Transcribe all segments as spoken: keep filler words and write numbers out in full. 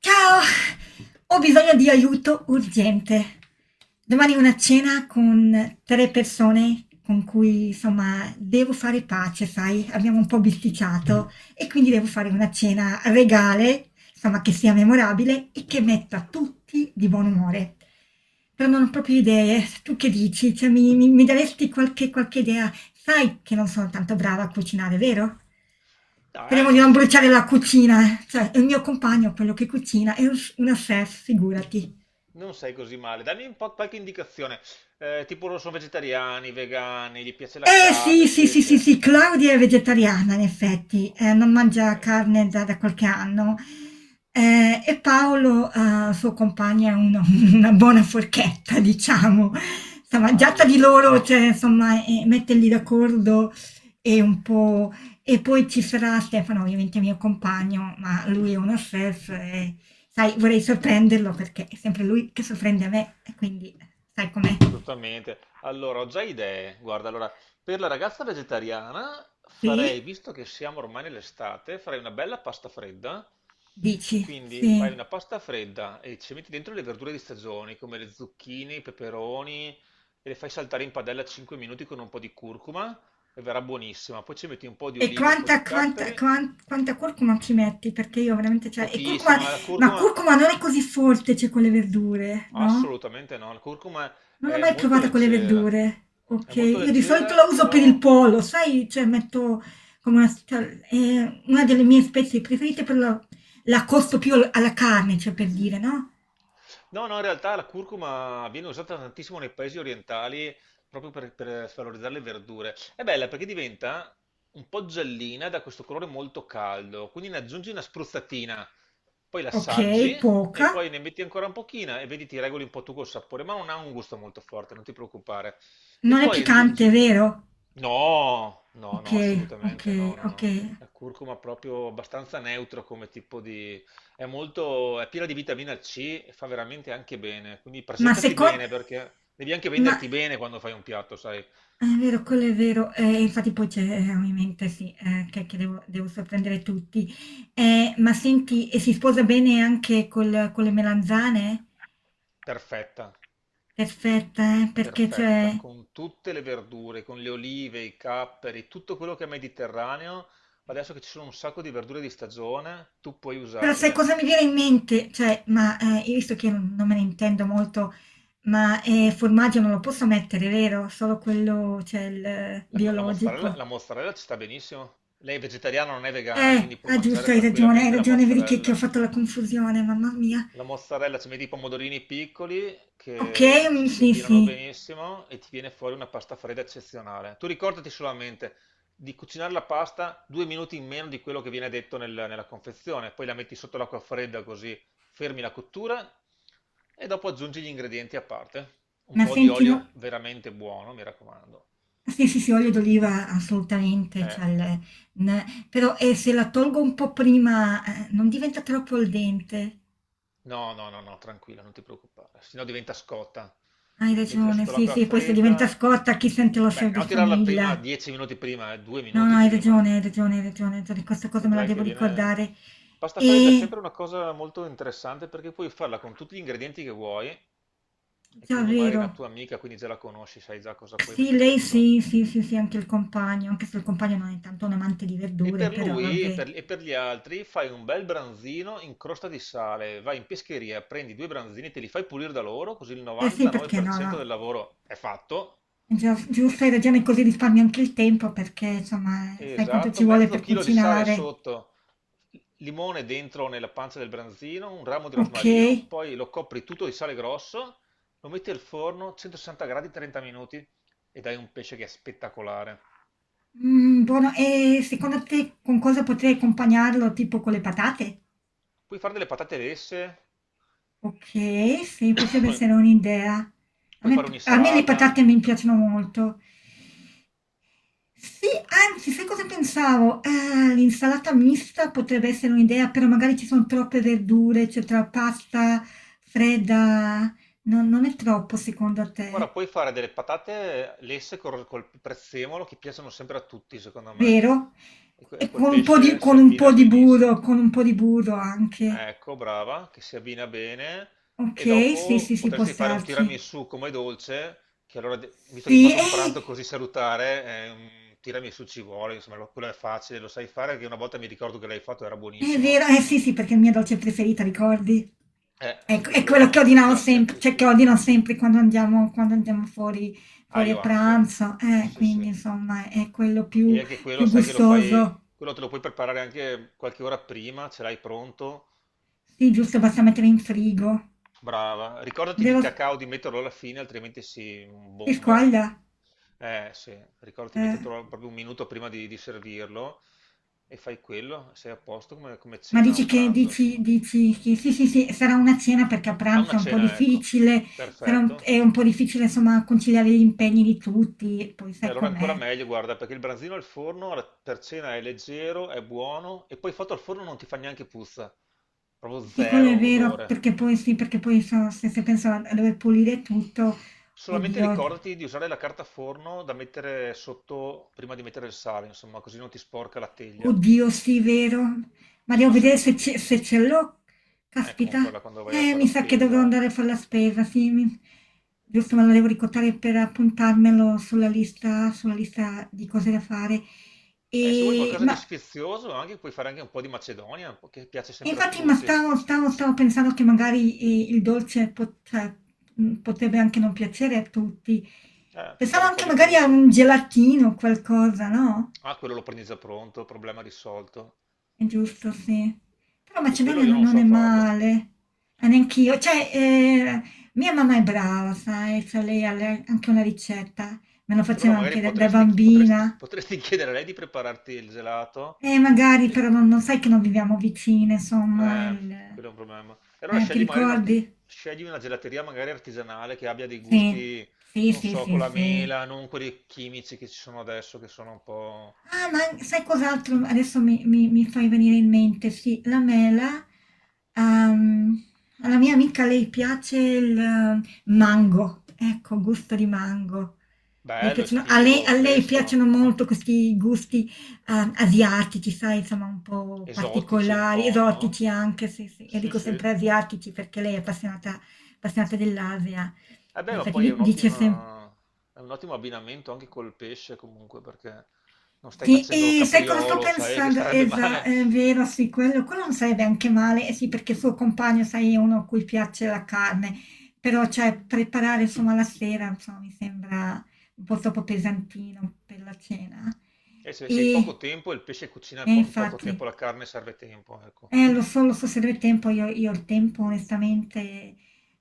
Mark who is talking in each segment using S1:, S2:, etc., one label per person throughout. S1: Ciao, ho bisogno di aiuto urgente. Domani ho una cena con tre persone con cui, insomma, devo fare pace, sai? Abbiamo un po' bisticciato e quindi devo fare una cena regale, insomma, che sia memorabile e che metta tutti di buon umore. Però non ho proprio idee. Tu che dici? Cioè, mi, mi- mi daresti qualche, qualche idea? Sai che non sono tanto brava a cucinare, vero?
S2: Ah, eh,
S1: Speriamo di
S2: non
S1: non
S2: sei
S1: bruciare la
S2: male,
S1: cucina, eh. Cioè, il mio compagno, quello che cucina, è un- una chef, figurati.
S2: non sei così male. Dammi un po' qualche indicazione. Eh, tipo loro sono vegetariani, vegani, gli piace la
S1: Eh
S2: carne,
S1: sì,
S2: il
S1: sì, sì, sì,
S2: pesce.
S1: sì, Claudia è vegetariana in effetti, eh, non
S2: Ok.
S1: mangia carne da, da qualche anno. Eh, e Paolo, eh, suo compagno, è uno- una buona forchetta, diciamo. Insomma, già tra di loro, cioè,
S2: Allora.
S1: insomma, eh, metterli d'accordo è un po'. E poi ci sarà Stefano, ovviamente mio compagno, ma lui è uno chef e, sai, vorrei sorprenderlo perché è sempre lui che sorprende me, e quindi sai com'è.
S2: Giustamente. Allora, ho già idee. Guarda, allora, per la ragazza vegetariana farei,
S1: Sì?
S2: visto che siamo ormai nell'estate, farei una bella pasta fredda.
S1: Dici,
S2: Quindi fai una
S1: sì.
S2: pasta fredda e ci metti dentro le verdure di stagione, come le zucchine, i peperoni, e le fai saltare in padella cinque minuti con un po' di curcuma e verrà buonissima. Poi ci metti un po' di
S1: E
S2: olive, un po'
S1: quanta,
S2: di
S1: quanta,
S2: capperi,
S1: quan- quanta curcuma ci metti? Perché io veramente, cioè, e curcuma,
S2: pochissima, la
S1: ma
S2: curcuma
S1: curcuma non è così forte, cioè, con le verdure, no?
S2: assolutamente no, la curcuma
S1: Non l'ho
S2: è
S1: mai
S2: molto
S1: provata con le
S2: leggera.
S1: verdure,
S2: È
S1: ok?
S2: molto
S1: Io di solito
S2: leggera,
S1: la uso per il
S2: però.
S1: pollo, sai? Cioè, metto come una, cioè, è una delle mie spezie preferite, però la, la costo più al- alla carne, cioè, per dire, no?
S2: No, no, in realtà la curcuma viene usata tantissimo nei paesi orientali proprio per, per valorizzare le verdure. È bella perché diventa un po' giallina da questo colore molto caldo, quindi ne aggiungi una spruzzatina, poi
S1: Ok,
S2: l'assaggi e
S1: poca.
S2: poi ne metti ancora un pochino e vedi ti regoli un po' tu col sapore, ma non ha un gusto molto forte, non ti preoccupare. E
S1: Non è
S2: poi
S1: piccante,
S2: aggiungi.
S1: vero?
S2: No, no,
S1: Ok,
S2: no,
S1: ok,
S2: assolutamente no, no,
S1: ok.
S2: no. La curcuma è proprio abbastanza neutro come tipo di è molto, è piena di vitamina C e fa veramente anche bene. Quindi
S1: Ma
S2: presentati
S1: secondo.
S2: bene perché devi anche
S1: Ma,
S2: venderti bene quando fai un piatto, sai?
S1: ah, è vero, quello è vero, eh, infatti poi c'è eh, ovviamente sì, eh, che, che devo, devo sorprendere tutti. Eh, ma senti, e si sposa bene anche col- con le melanzane?
S2: Perfetta,
S1: Perfetta, eh, perché cioè.
S2: perfetta, con tutte le verdure, con le olive, i capperi, tutto quello che è mediterraneo. Adesso che ci sono un sacco di verdure di stagione, tu puoi
S1: Però sai
S2: usarle.
S1: cosa mi viene in mente? Cioè, ma eh, io visto che non, non me ne intendo molto, ma eh, formaggio non lo posso mettere, vero? Solo quello, cioè il eh,
S2: La, la mozzarella,
S1: biologico.
S2: la mozzarella ci sta benissimo. Lei è vegetariana, non è vegana,
S1: Eh,
S2: quindi può
S1: ah,
S2: mangiare
S1: giusto, hai ragione, hai
S2: tranquillamente la
S1: ragione, vedi che, che ho
S2: mozzarella.
S1: fatto la confusione, mamma mia.
S2: La mozzarella ci metti i pomodorini piccoli
S1: Ok,
S2: che
S1: mm,
S2: ci si
S1: sì, sì.
S2: abbinano benissimo e ti viene fuori una pasta fredda eccezionale. Tu ricordati solamente di cucinare la pasta due minuti in meno di quello che viene detto nel- nella confezione, poi la metti sotto l'acqua fredda così fermi la cottura e dopo aggiungi gli ingredienti a parte. Un
S1: Ma
S2: po' di
S1: senti, no
S2: olio veramente buono, mi raccomando.
S1: sì, sì, sì, olio d'oliva assolutamente,
S2: Eh.
S1: c'ha il n però, ehm, se la tolgo un po' prima, ehm, non diventa troppo al dente.
S2: No, no, no, no, tranquilla, non ti preoccupare, sennò diventa scotta.
S1: Hai
S2: Mettila
S1: ragione,
S2: sotto
S1: sì,
S2: l'acqua
S1: sì, poi se diventa
S2: fredda.
S1: scotta chi sente l'osso
S2: Beh,
S1: di
S2: no, tirarla prima,
S1: famiglia.
S2: dieci minuti prima, eh, due
S1: No, no,
S2: minuti
S1: hai
S2: prima.
S1: ragione, hai ragione, hai ragione, hai ragione, questa cosa me la
S2: Vedrai
S1: devo
S2: che viene.
S1: ricordare.
S2: Pasta fredda è
S1: E
S2: sempre una cosa molto interessante perché puoi farla con tutti gli ingredienti che vuoi e
S1: già
S2: quindi magari è
S1: vero.
S2: una tua amica, quindi già la conosci, sai già cosa puoi
S1: Sì,
S2: mettere
S1: lei
S2: dentro.
S1: sì, sì, sì, sì, anche il compagno, anche se il compagno non è tanto un amante di
S2: E
S1: verdure,
S2: per
S1: però
S2: lui e
S1: vabbè.
S2: per, e per gli altri fai un bel branzino in crosta di sale, vai in pescheria, prendi due branzini, te li fai pulire da loro, così il
S1: Eh sì, perché no,
S2: novantanove per cento
S1: no.
S2: del lavoro è fatto.
S1: Gia
S2: Per-
S1: giusto, hai ragione, così risparmi anche il tempo perché, insomma, sai quanto ci
S2: Esatto,
S1: vuole
S2: mezzo
S1: per
S2: chilo di sale
S1: cucinare.
S2: sotto, limone dentro nella pancia del branzino, un ramo di rosmarino,
S1: Okay.
S2: poi lo copri tutto di sale grosso, lo metti al forno centosessanta gradi trenta minuti ed hai un pesce che è spettacolare.
S1: Mhmm, buono. E secondo te con cosa potrei accompagnarlo? Tipo con le patate?
S2: Puoi fare delle patate lesse.
S1: Okay, sì, potrebbe essere un'idea. A
S2: Puoi
S1: me
S2: fare
S1: p a me le
S2: un'insalata.
S1: patate mi piacciono molto. Sì, anzi, sai cosa pensavo? Ehm, l'insalata mista potrebbe essere un'idea, però magari ci son troppe verdure, cioè tra pasta fredda non non è troppo secondo
S2: Guarda,
S1: te?
S2: puoi fare delle patate lesse col, col prezzemolo che piacciono sempre a tutti, secondo me.
S1: Vero?
S2: E, co- e
S1: E con
S2: col
S1: un po' di
S2: pesce si
S1: con un
S2: abbina
S1: po' di
S2: benissimo.
S1: burro con un po' di burro anche.
S2: Ecco, brava, che si abbina bene. E
S1: Okay, sì, sì,
S2: dopo
S1: sì, può
S2: potresti fare un
S1: starci.
S2: tiramisù come dolce, che allora, de- visto che hai
S1: Sì,
S2: fatto un
S1: eh,
S2: pranzo così salutare, eh, un tiramisù ci vuole, insomma, lo- quello è facile, lo sai fare, perché una volta mi ricordo che l'hai fatto, era
S1: è
S2: buonissimo.
S1: vero, eh sì, sì, perché è la mia dolce preferita, ricordi?
S2: Eh,
S1: Ecco, è quello che
S2: quello
S1: ordinavo
S2: piace a
S1: sempre cioè
S2: tutti.
S1: che ordino sempre quando andiamo quando andiamo fuori
S2: Ah,
S1: fuori a
S2: io anche.
S1: pranzo, eh,
S2: Sì, sì.
S1: quindi insomma è quello
S2: E
S1: più
S2: anche quello,
S1: più
S2: sai che lo fai,
S1: gustoso.
S2: quello te lo puoi preparare anche qualche ora prima, ce l'hai pronto.
S1: Sì, giusto, basta mettere in frigo.
S2: Brava. Ricordati di
S1: Devo
S2: cacao di metterlo alla fine, altrimenti si
S1: Si
S2: bomba.
S1: squaglia?
S2: Eh, sì, ricordati di
S1: Eh.
S2: metterlo proprio un minuto prima di, di servirlo e fai quello, sei a posto come, come
S1: Ma
S2: cena
S1: dici
S2: o
S1: che,
S2: pranzo,
S1: dici,
S2: insomma.
S1: dici che sì, sì, sì, sarà una cena perché a
S2: A
S1: pranzo
S2: una
S1: è un po'
S2: cena, ecco.
S1: difficile, sarà un-
S2: Perfetto.
S1: è un po' difficile insomma conciliare gli impegni di tutti, poi
S2: E
S1: sai
S2: allora ancora
S1: com'è.
S2: meglio, guarda, perché il branzino al forno alla- per cena è leggero, è buono e poi fatto al forno non ti fa neanche puzza, proprio
S1: Sì, quello
S2: zero
S1: è vero,
S2: odore.
S1: perché poi sì, perché poi so- se, se penso a, a dover pulire tutto,
S2: Solamente
S1: oddio.
S2: ricordati di usare la carta forno da mettere sotto prima di mettere il sale, insomma, così non ti sporca la teglia,
S1: Oddio, sì, vero? Ma
S2: se
S1: devo
S2: no si
S1: vedere
S2: attacca
S1: se ce,
S2: tutto.
S1: se ce l'ho.
S2: Eh,
S1: Caspita.
S2: comprala quando vai a
S1: Eh,
S2: fare
S1: mi
S2: la
S1: sa che dovrò
S2: spesa.
S1: andare a fare la spesa, sì. mi- Giusto, me lo devo ricordare per appuntarmelo sulla lista, sulla lista di cose da fare.
S2: Eh, se vuoi
S1: E,
S2: qualcosa di
S1: ma,
S2: sfizioso, anche, puoi fare anche un po' di Macedonia, un po' che piace
S1: e
S2: sempre a
S1: infatti, ma
S2: tutti.
S1: stavo, stavo- stavo pensando che magari eh, il dolce pot- cioè, mh, potrebbe anche non piacere a tutti.
S2: Eh, puoi fare
S1: Pensavo
S2: un po'
S1: anche
S2: di
S1: magari a
S2: frutta.
S1: un gelatino, qualcosa, no?
S2: Ah, quello lo prendi già pronto, problema risolto.
S1: È giusto, sì. Però
S2: E quello
S1: Macedonia
S2: io
S1: non
S2: non
S1: non è
S2: so farlo.
S1: male. Eh, neanch'io. Cioè, eh, mia mamma è brava, sai, cioè lei ha le- anche una ricetta, me lo
S2: E allora
S1: faceva anche
S2: magari
S1: da, da
S2: potresti, chi- potresti-
S1: bambina.
S2: potresti chiedere a lei di prepararti il gelato.
S1: E magari però
S2: E-
S1: non, non sai che non viviamo vicine, insomma,
S2: eh,
S1: il-
S2: quello è un problema. E allora
S1: eh, ti
S2: scegli magari un arti-
S1: ricordi?
S2: scegli una gelateria magari artigianale che abbia dei
S1: Sì,
S2: gusti,
S1: sì,
S2: non
S1: sì,
S2: so, con
S1: sì,
S2: la
S1: sì.
S2: mela, non quelli chimici che ci sono adesso, che sono un po'
S1: Ah, ma sai cos'altro adesso mi, mi- mi fai venire in mente? Sì, la mela. ehm, alla mia amica lei piace il eh, mango, ecco, gusto di mango. Le
S2: bello,
S1: piacciono- a lei,
S2: estivo,
S1: a lei
S2: fresco,
S1: piacciono molto questi gusti eh, asiatici, sai, insomma, un po'
S2: esotici un
S1: particolari,
S2: po', no?
S1: esotici anche, sì, sì. Io
S2: Sì,
S1: dico
S2: sì.
S1: sempre asiatici perché lei è appassionata, appassionata dell'Asia.
S2: Eh
S1: In
S2: beh, ma
S1: effetti
S2: poi è
S1: di- dice sempre.
S2: un'ottima- è un ottimo abbinamento anche col pesce comunque, perché non stai
S1: Sì,
S2: facendo
S1: e sai cosa sto
S2: capriolo, sai che
S1: pensando?
S2: starebbe
S1: Esa,
S2: male.
S1: è vero, sì, quello, quello non sarebbe anche male, eh sì, perché il suo compagno, sai, è uno a cui piace la carne, però cioè preparare insomma la sera, insomma, mi sembra un po' troppo pesantino per la cena.
S2: E se, se hai poco
S1: E,
S2: tempo, il pesce cucina
S1: e
S2: in po- in poco
S1: infatti.
S2: tempo, la carne serve tempo, ecco.
S1: Eh, lo so, lo so, se avrei tempo, io, io ho il tempo onestamente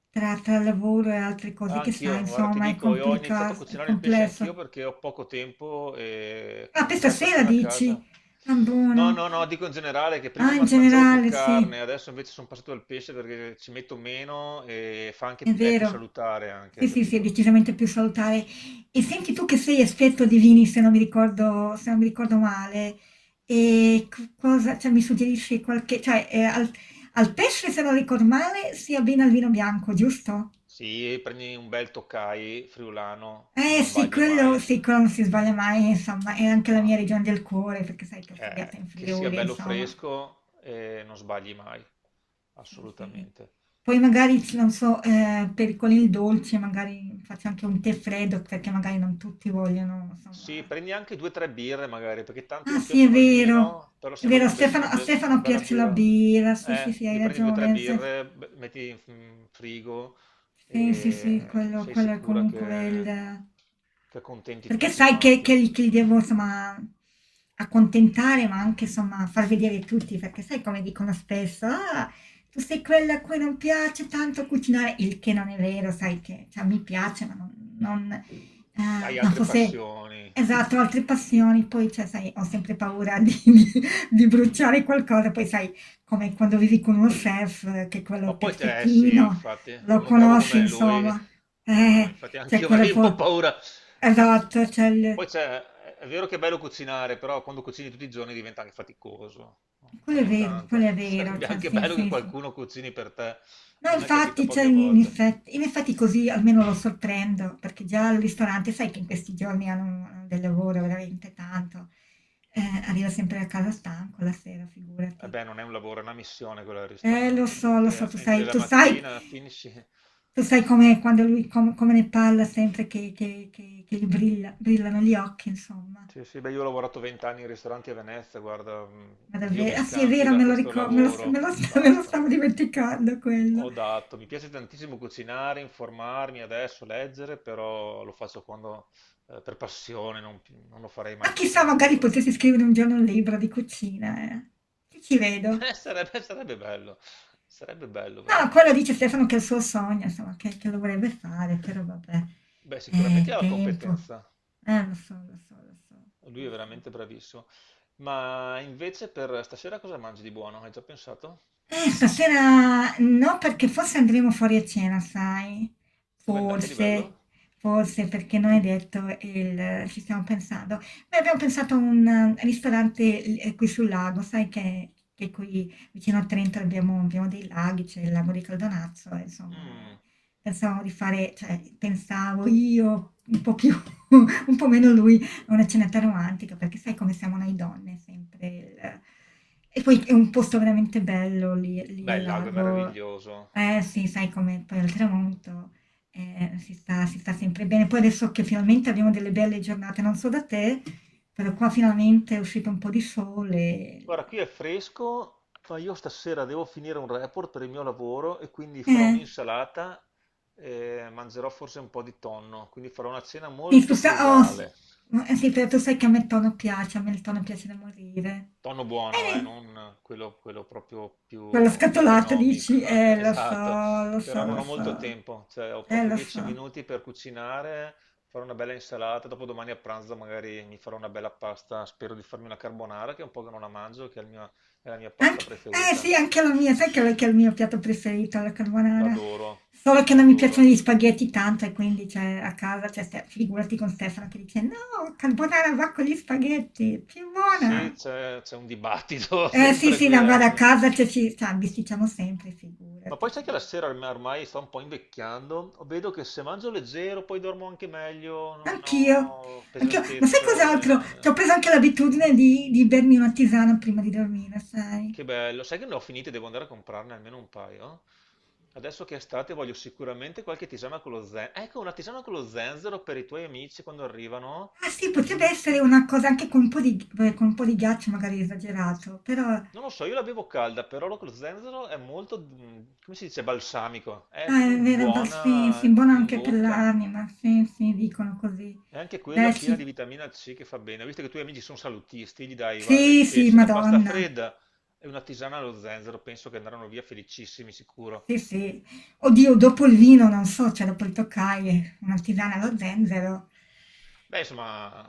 S1: tra, tra lavoro e altre cose
S2: Ah,
S1: che sai,
S2: anch'io, guarda, ti
S1: insomma, è
S2: dico, io ho iniziato a
S1: complica- è
S2: cucinare il pesce anch'io
S1: complesso.
S2: perché ho poco tempo e
S1: Ah, per
S2: con tre
S1: stasera
S2: persone a
S1: dici?
S2: casa.
S1: Ah,
S2: No,
S1: buono.
S2: no, no, dico in generale che prima
S1: Ah, in
S2: ma- mangiavo più
S1: generale, sì,
S2: carne, adesso invece sono passato al pesce perché ci metto meno e fa
S1: è
S2: anche, è più
S1: vero.
S2: salutare
S1: Sì,
S2: anche,
S1: sì, sì, è
S2: capito?
S1: decisamente più salutare. E senti tu che sei esperto di vini, se non mi ricordo, se non mi ricordo male, e co- cosa, cioè, mi suggerisci qualche, cioè, eh, al, al pesce, se non ricordo male, si abbina il vino bianco, giusto?
S2: Sì, prendi un bel Tokai friulano e
S1: Eh
S2: non
S1: sì,
S2: sbagli mai,
S1: quello, sì, quello non si sbaglia mai, insomma, è anche la mia
S2: mai.
S1: regione del cuore, perché sai che ho studiato in
S2: Eh, che sia
S1: Friuli,
S2: bello
S1: insomma.
S2: fresco e non sbagli mai,
S1: Sì, sì.
S2: assolutamente.
S1: Poi magari, c- non so, eh, per, con il dolce magari faccio anche un tè freddo perché magari non tutti vogliono,
S2: Sì,
S1: insomma.
S2: prendi anche due o tre birre magari, perché tanti
S1: Ah
S2: non
S1: sì, è
S2: piacciono il
S1: vero,
S2: vino, però
S1: è
S2: se
S1: vero, a
S2: vogliono bersi
S1: Stefano,
S2: una,
S1: a
S2: be- una
S1: Stefano
S2: bella
S1: piace la
S2: birra,
S1: birra, sì, sì,
S2: eh,
S1: sì, hai
S2: gli prendi due o tre
S1: ragione. Stef-
S2: birre, be- metti in f- in frigo
S1: Sì, sì, sì,
S2: e
S1: quello
S2: sei
S1: quello è
S2: sicura
S1: comunque il
S2: che, che, accontenti
S1: perché
S2: tutti
S1: sai che
S2: quanti.
S1: che li che li devo insomma accontentare, ma anche insomma far vedere tutti, perché sai come dicono spesso: "Ah, tu sei quella a cui non piace tanto cucinare", il che non è vero, sai che cioè mi piace, ma non non ehm,
S2: Hai
S1: ma
S2: altre
S1: forse
S2: passioni.
S1: esatto, ho altre passioni, poi cioè sai, ho sempre paura di di di bruciare qualcosa, poi sai, come quando vivi con uno chef eh, che quello è
S2: Ma
S1: quello
S2: poi te, eh sì,
S1: perfettino,
S2: infatti,
S1: lo
S2: con uno bravo
S1: conosci,
S2: come lui,
S1: insomma.
S2: no, no, ma
S1: Eh,
S2: infatti
S1: c'è
S2: anch'io
S1: quello
S2: avrei un po'
S1: po-
S2: paura. Ma
S1: Esatto, c'è
S2: poi
S1: il.
S2: c'è, è vero che è bello cucinare, però quando cucini tutti i giorni diventa anche faticoso.
S1: Quello è
S2: Ogni
S1: vero,
S2: tanto
S1: quello è vero,
S2: sarebbe
S1: cioè,
S2: anche
S1: sì,
S2: bello che
S1: sì, sì.
S2: qualcuno cucini per te.
S1: No,
S2: A me capita
S1: infatti, cioè,
S2: poche
S1: in in
S2: volte.
S1: effetti, in effetti così almeno lo sorprendo, perché già al ristorante, sai che in questi giorni hanno, hanno del lavoro veramente tanto. Eh, arriva sempre a casa stanco la sera,
S2: E
S1: figurati.
S2: beh, non è un lavoro, è una missione quella del
S1: Eh, lo
S2: ristorante,
S1: so, lo so,
S2: perché
S1: tu sai,
S2: entri la
S1: tu sai,
S2: mattina, finisci.
S1: tu sai com'è quando lui, com- come ne parla sempre che, che, che, che gli brilla- brillano gli occhi, insomma.
S2: Sì, sì, beh, io ho lavorato vent'anni in ristoranti a Venezia, guarda, mh,
S1: Ma
S2: Dio mi
S1: davvero? Ah sì, è
S2: scampi
S1: vero,
S2: da
S1: me lo
S2: questo
S1: ricordo, me lo, st- me
S2: lavoro,
S1: lo st- me lo
S2: basta.
S1: stavo dimenticando quello.
S2: Ho dato, mi piace tantissimo cucinare, informarmi adesso, leggere, però lo faccio quando, eh, per passione, non, pi- non lo farei
S1: Ma
S2: mai più
S1: chissà,
S2: come
S1: magari
S2: lavoro.
S1: potessi
S2: Troppo.
S1: scrivere un giorno un libro di cucina, eh. Ci ci vedo.
S2: Eh, sarebbe, sarebbe bello, sarebbe bello
S1: No, quello
S2: veramente.
S1: dice Stefano che è il suo sogno, insomma, che, che lo vorrebbe fare, però vabbè,
S2: Beh,
S1: è
S2: sicuramente ha la
S1: tempo.
S2: competenza,
S1: Eh, lo so, lo so, lo so,
S2: lui
S1: lo
S2: è
S1: so.
S2: veramente bravissimo. Ma invece per stasera cosa mangi di buono? Hai già pensato?
S1: Eh, stasera no, perché forse andremo fuori a cena, sai?
S2: Dove andate di
S1: Forse,
S2: bello?
S1: forse perché non è detto, il- ci stiamo pensando. Beh, abbiamo pensato a un eh, ristorante eh, qui sul lago, sai che, che qui vicino a Trento abbiamo, abbiamo dei laghi, c'è il lago di Caldonazzo, e insomma, eh,
S2: Mm,
S1: pensavamo di fare, cioè, pensavo io un po' più, un po' meno lui una cenetta romantica, perché sai come siamo noi donne, sempre il e poi è un posto veramente bello lì lì
S2: Beh,
S1: al
S2: il lago è
S1: lago.
S2: meraviglioso.
S1: Eh sì, sai com'è, poi al tramonto, ehm, si sta si sta sempre bene. Poi adesso che finalmente abbiamo delle belle giornate, non so da te, però qua finalmente è uscito un po' di sole,
S2: Guarda, qui è fresco, ma io stasera devo finire un report per il mio lavoro e quindi
S1: il
S2: farò
S1: eh,
S2: un'insalata e mangerò forse un po' di tonno, quindi farò una cena
S1: sì tu
S2: molto
S1: sa oh s
S2: frugale.
S1: ma, eh sì, però tu sai che a me il tono piace, a me il tono piace da morire.
S2: Tonno buono, eh,
S1: Bene.
S2: non quello, quello proprio
S1: Quella
S2: più, più
S1: scatolata
S2: economico,
S1: dici, eh, lo so,
S2: esatto.
S1: lo
S2: Però
S1: so,
S2: non
S1: lo
S2: ho molto
S1: so,
S2: tempo, cioè ho
S1: eh,
S2: proprio
S1: lo
S2: dieci
S1: so.
S2: minuti per cucinare, farò una bella insalata, dopo domani a pranzo magari mi farò una bella pasta, spero di farmi una carbonara che è un po' che non la mangio, che è il mio- è la mia pasta
S1: Anche, eh sì,
S2: preferita.
S1: anche la mia, sai che che è il mio piatto preferito, la carbonara.
S2: L'adoro,
S1: Solo che non mi piacciono gli
S2: l'adoro.
S1: spaghetti tanto e quindi cioè, a casa, cioè, Ste- figurati con Stefano che dice, no, carbonara va con gli spaghetti, più
S2: Sì,
S1: buona.
S2: c'è c'è un dibattito
S1: Eh sì,
S2: sempre
S1: sì,
S2: qui.
S1: no,
S2: eh.
S1: guarda, a
S2: Cioè.
S1: casa cioè, ci cioè, bisticciamo sempre,
S2: Ma
S1: figurati,
S2: poi sai che
S1: insomma.
S2: la sera ormai ormai sto un po' invecchiando, vedo che se mangio leggero poi dormo anche meglio, non
S1: Anch'io,
S2: ho
S1: anch'io, ma sai cos'altro?
S2: pesantezza.
S1: Cioè,
S2: eh.
S1: ho preso anche l'abitudine di, di bermi una tisana prima di dormire, sai?
S2: Che bello. Sai che ne ho finite, devo andare a comprarne almeno un paio. Adesso che è estate voglio sicuramente qualche tisana con lo zenzero. Ecco, una tisana con lo zenzero per i tuoi amici quando arrivano.
S1: Ah sì,
S2: È
S1: potrebbe
S2: gi-
S1: essere una cosa anche con un po' di beh, con un po' di ghiaccio magari è esagerato, però ah,
S2: Non lo so, io la bevo calda, però lo con lo zenzero è molto, mm, come si dice, balsamico.
S1: è
S2: È proprio
S1: vero, va- sì, sì,
S2: buona
S1: buono
S2: in
S1: anche per
S2: bocca.
S1: l'anima, sì, sì, dicono così.
S2: È anche quella
S1: Dai,
S2: piena di
S1: ci-
S2: vitamina C che fa bene. Ho visto che i tuoi amici sono salutisti, gli dai, guarda, il
S1: sì, sì,
S2: pesce, la pasta
S1: Madonna,
S2: fredda e una tisana allo zenzero, penso che andranno via felicissimi, sicuro.
S1: sì, sì. Oddio, dopo il vino, non so, cioè dopo il toccaie, una tisana allo zenzero.
S2: Beh, insomma,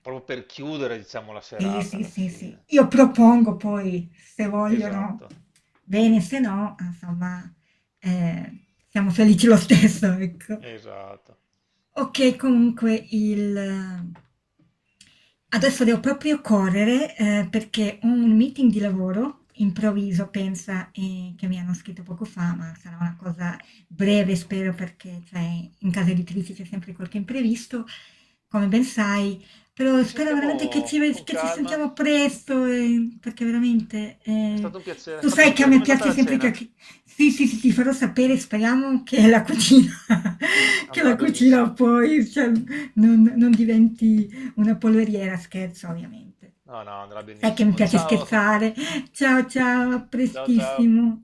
S2: proprio per chiudere, diciamo, la
S1: Sì,
S2: serata
S1: sì,
S2: alla
S1: sì, sì.
S2: fine.
S1: Io
S2: To-
S1: propongo poi, se vogliono,
S2: Esatto,
S1: bene, se no, insomma, eh, siamo felici lo stesso, ecco.
S2: esatto.
S1: Ok, comunque il. Adesso devo proprio correre eh, perché ho un meeting di lavoro improvviso, pensa, eh, che mi hanno scritto poco fa, ma sarà una cosa breve, spero, perché cioè, in casa editrice c'è sempre qualche imprevisto. Come ben sai, però
S2: Ci
S1: spero veramente che ci,
S2: sentiamo con
S1: che ci
S2: calma.
S1: sentiamo presto, eh, perché veramente,
S2: È
S1: eh,
S2: stato un piacere.
S1: tu
S2: Fammi
S1: sai che a
S2: sapere
S1: me
S2: com'è andata
S1: piace
S2: la
S1: sempre che...
S2: cena.
S1: che- Sì, sì, sì, ti farò sapere, speriamo che la cucina, che la
S2: Andrà
S1: cucina
S2: benissimo.
S1: poi, cioè, non, non diventi una polveriera, scherzo ovviamente.
S2: No, no, andrà
S1: Sai che mi
S2: benissimo.
S1: piace
S2: Ciao,
S1: scherzare. Ciao, ciao, a
S2: ciao, ciao.
S1: prestissimo.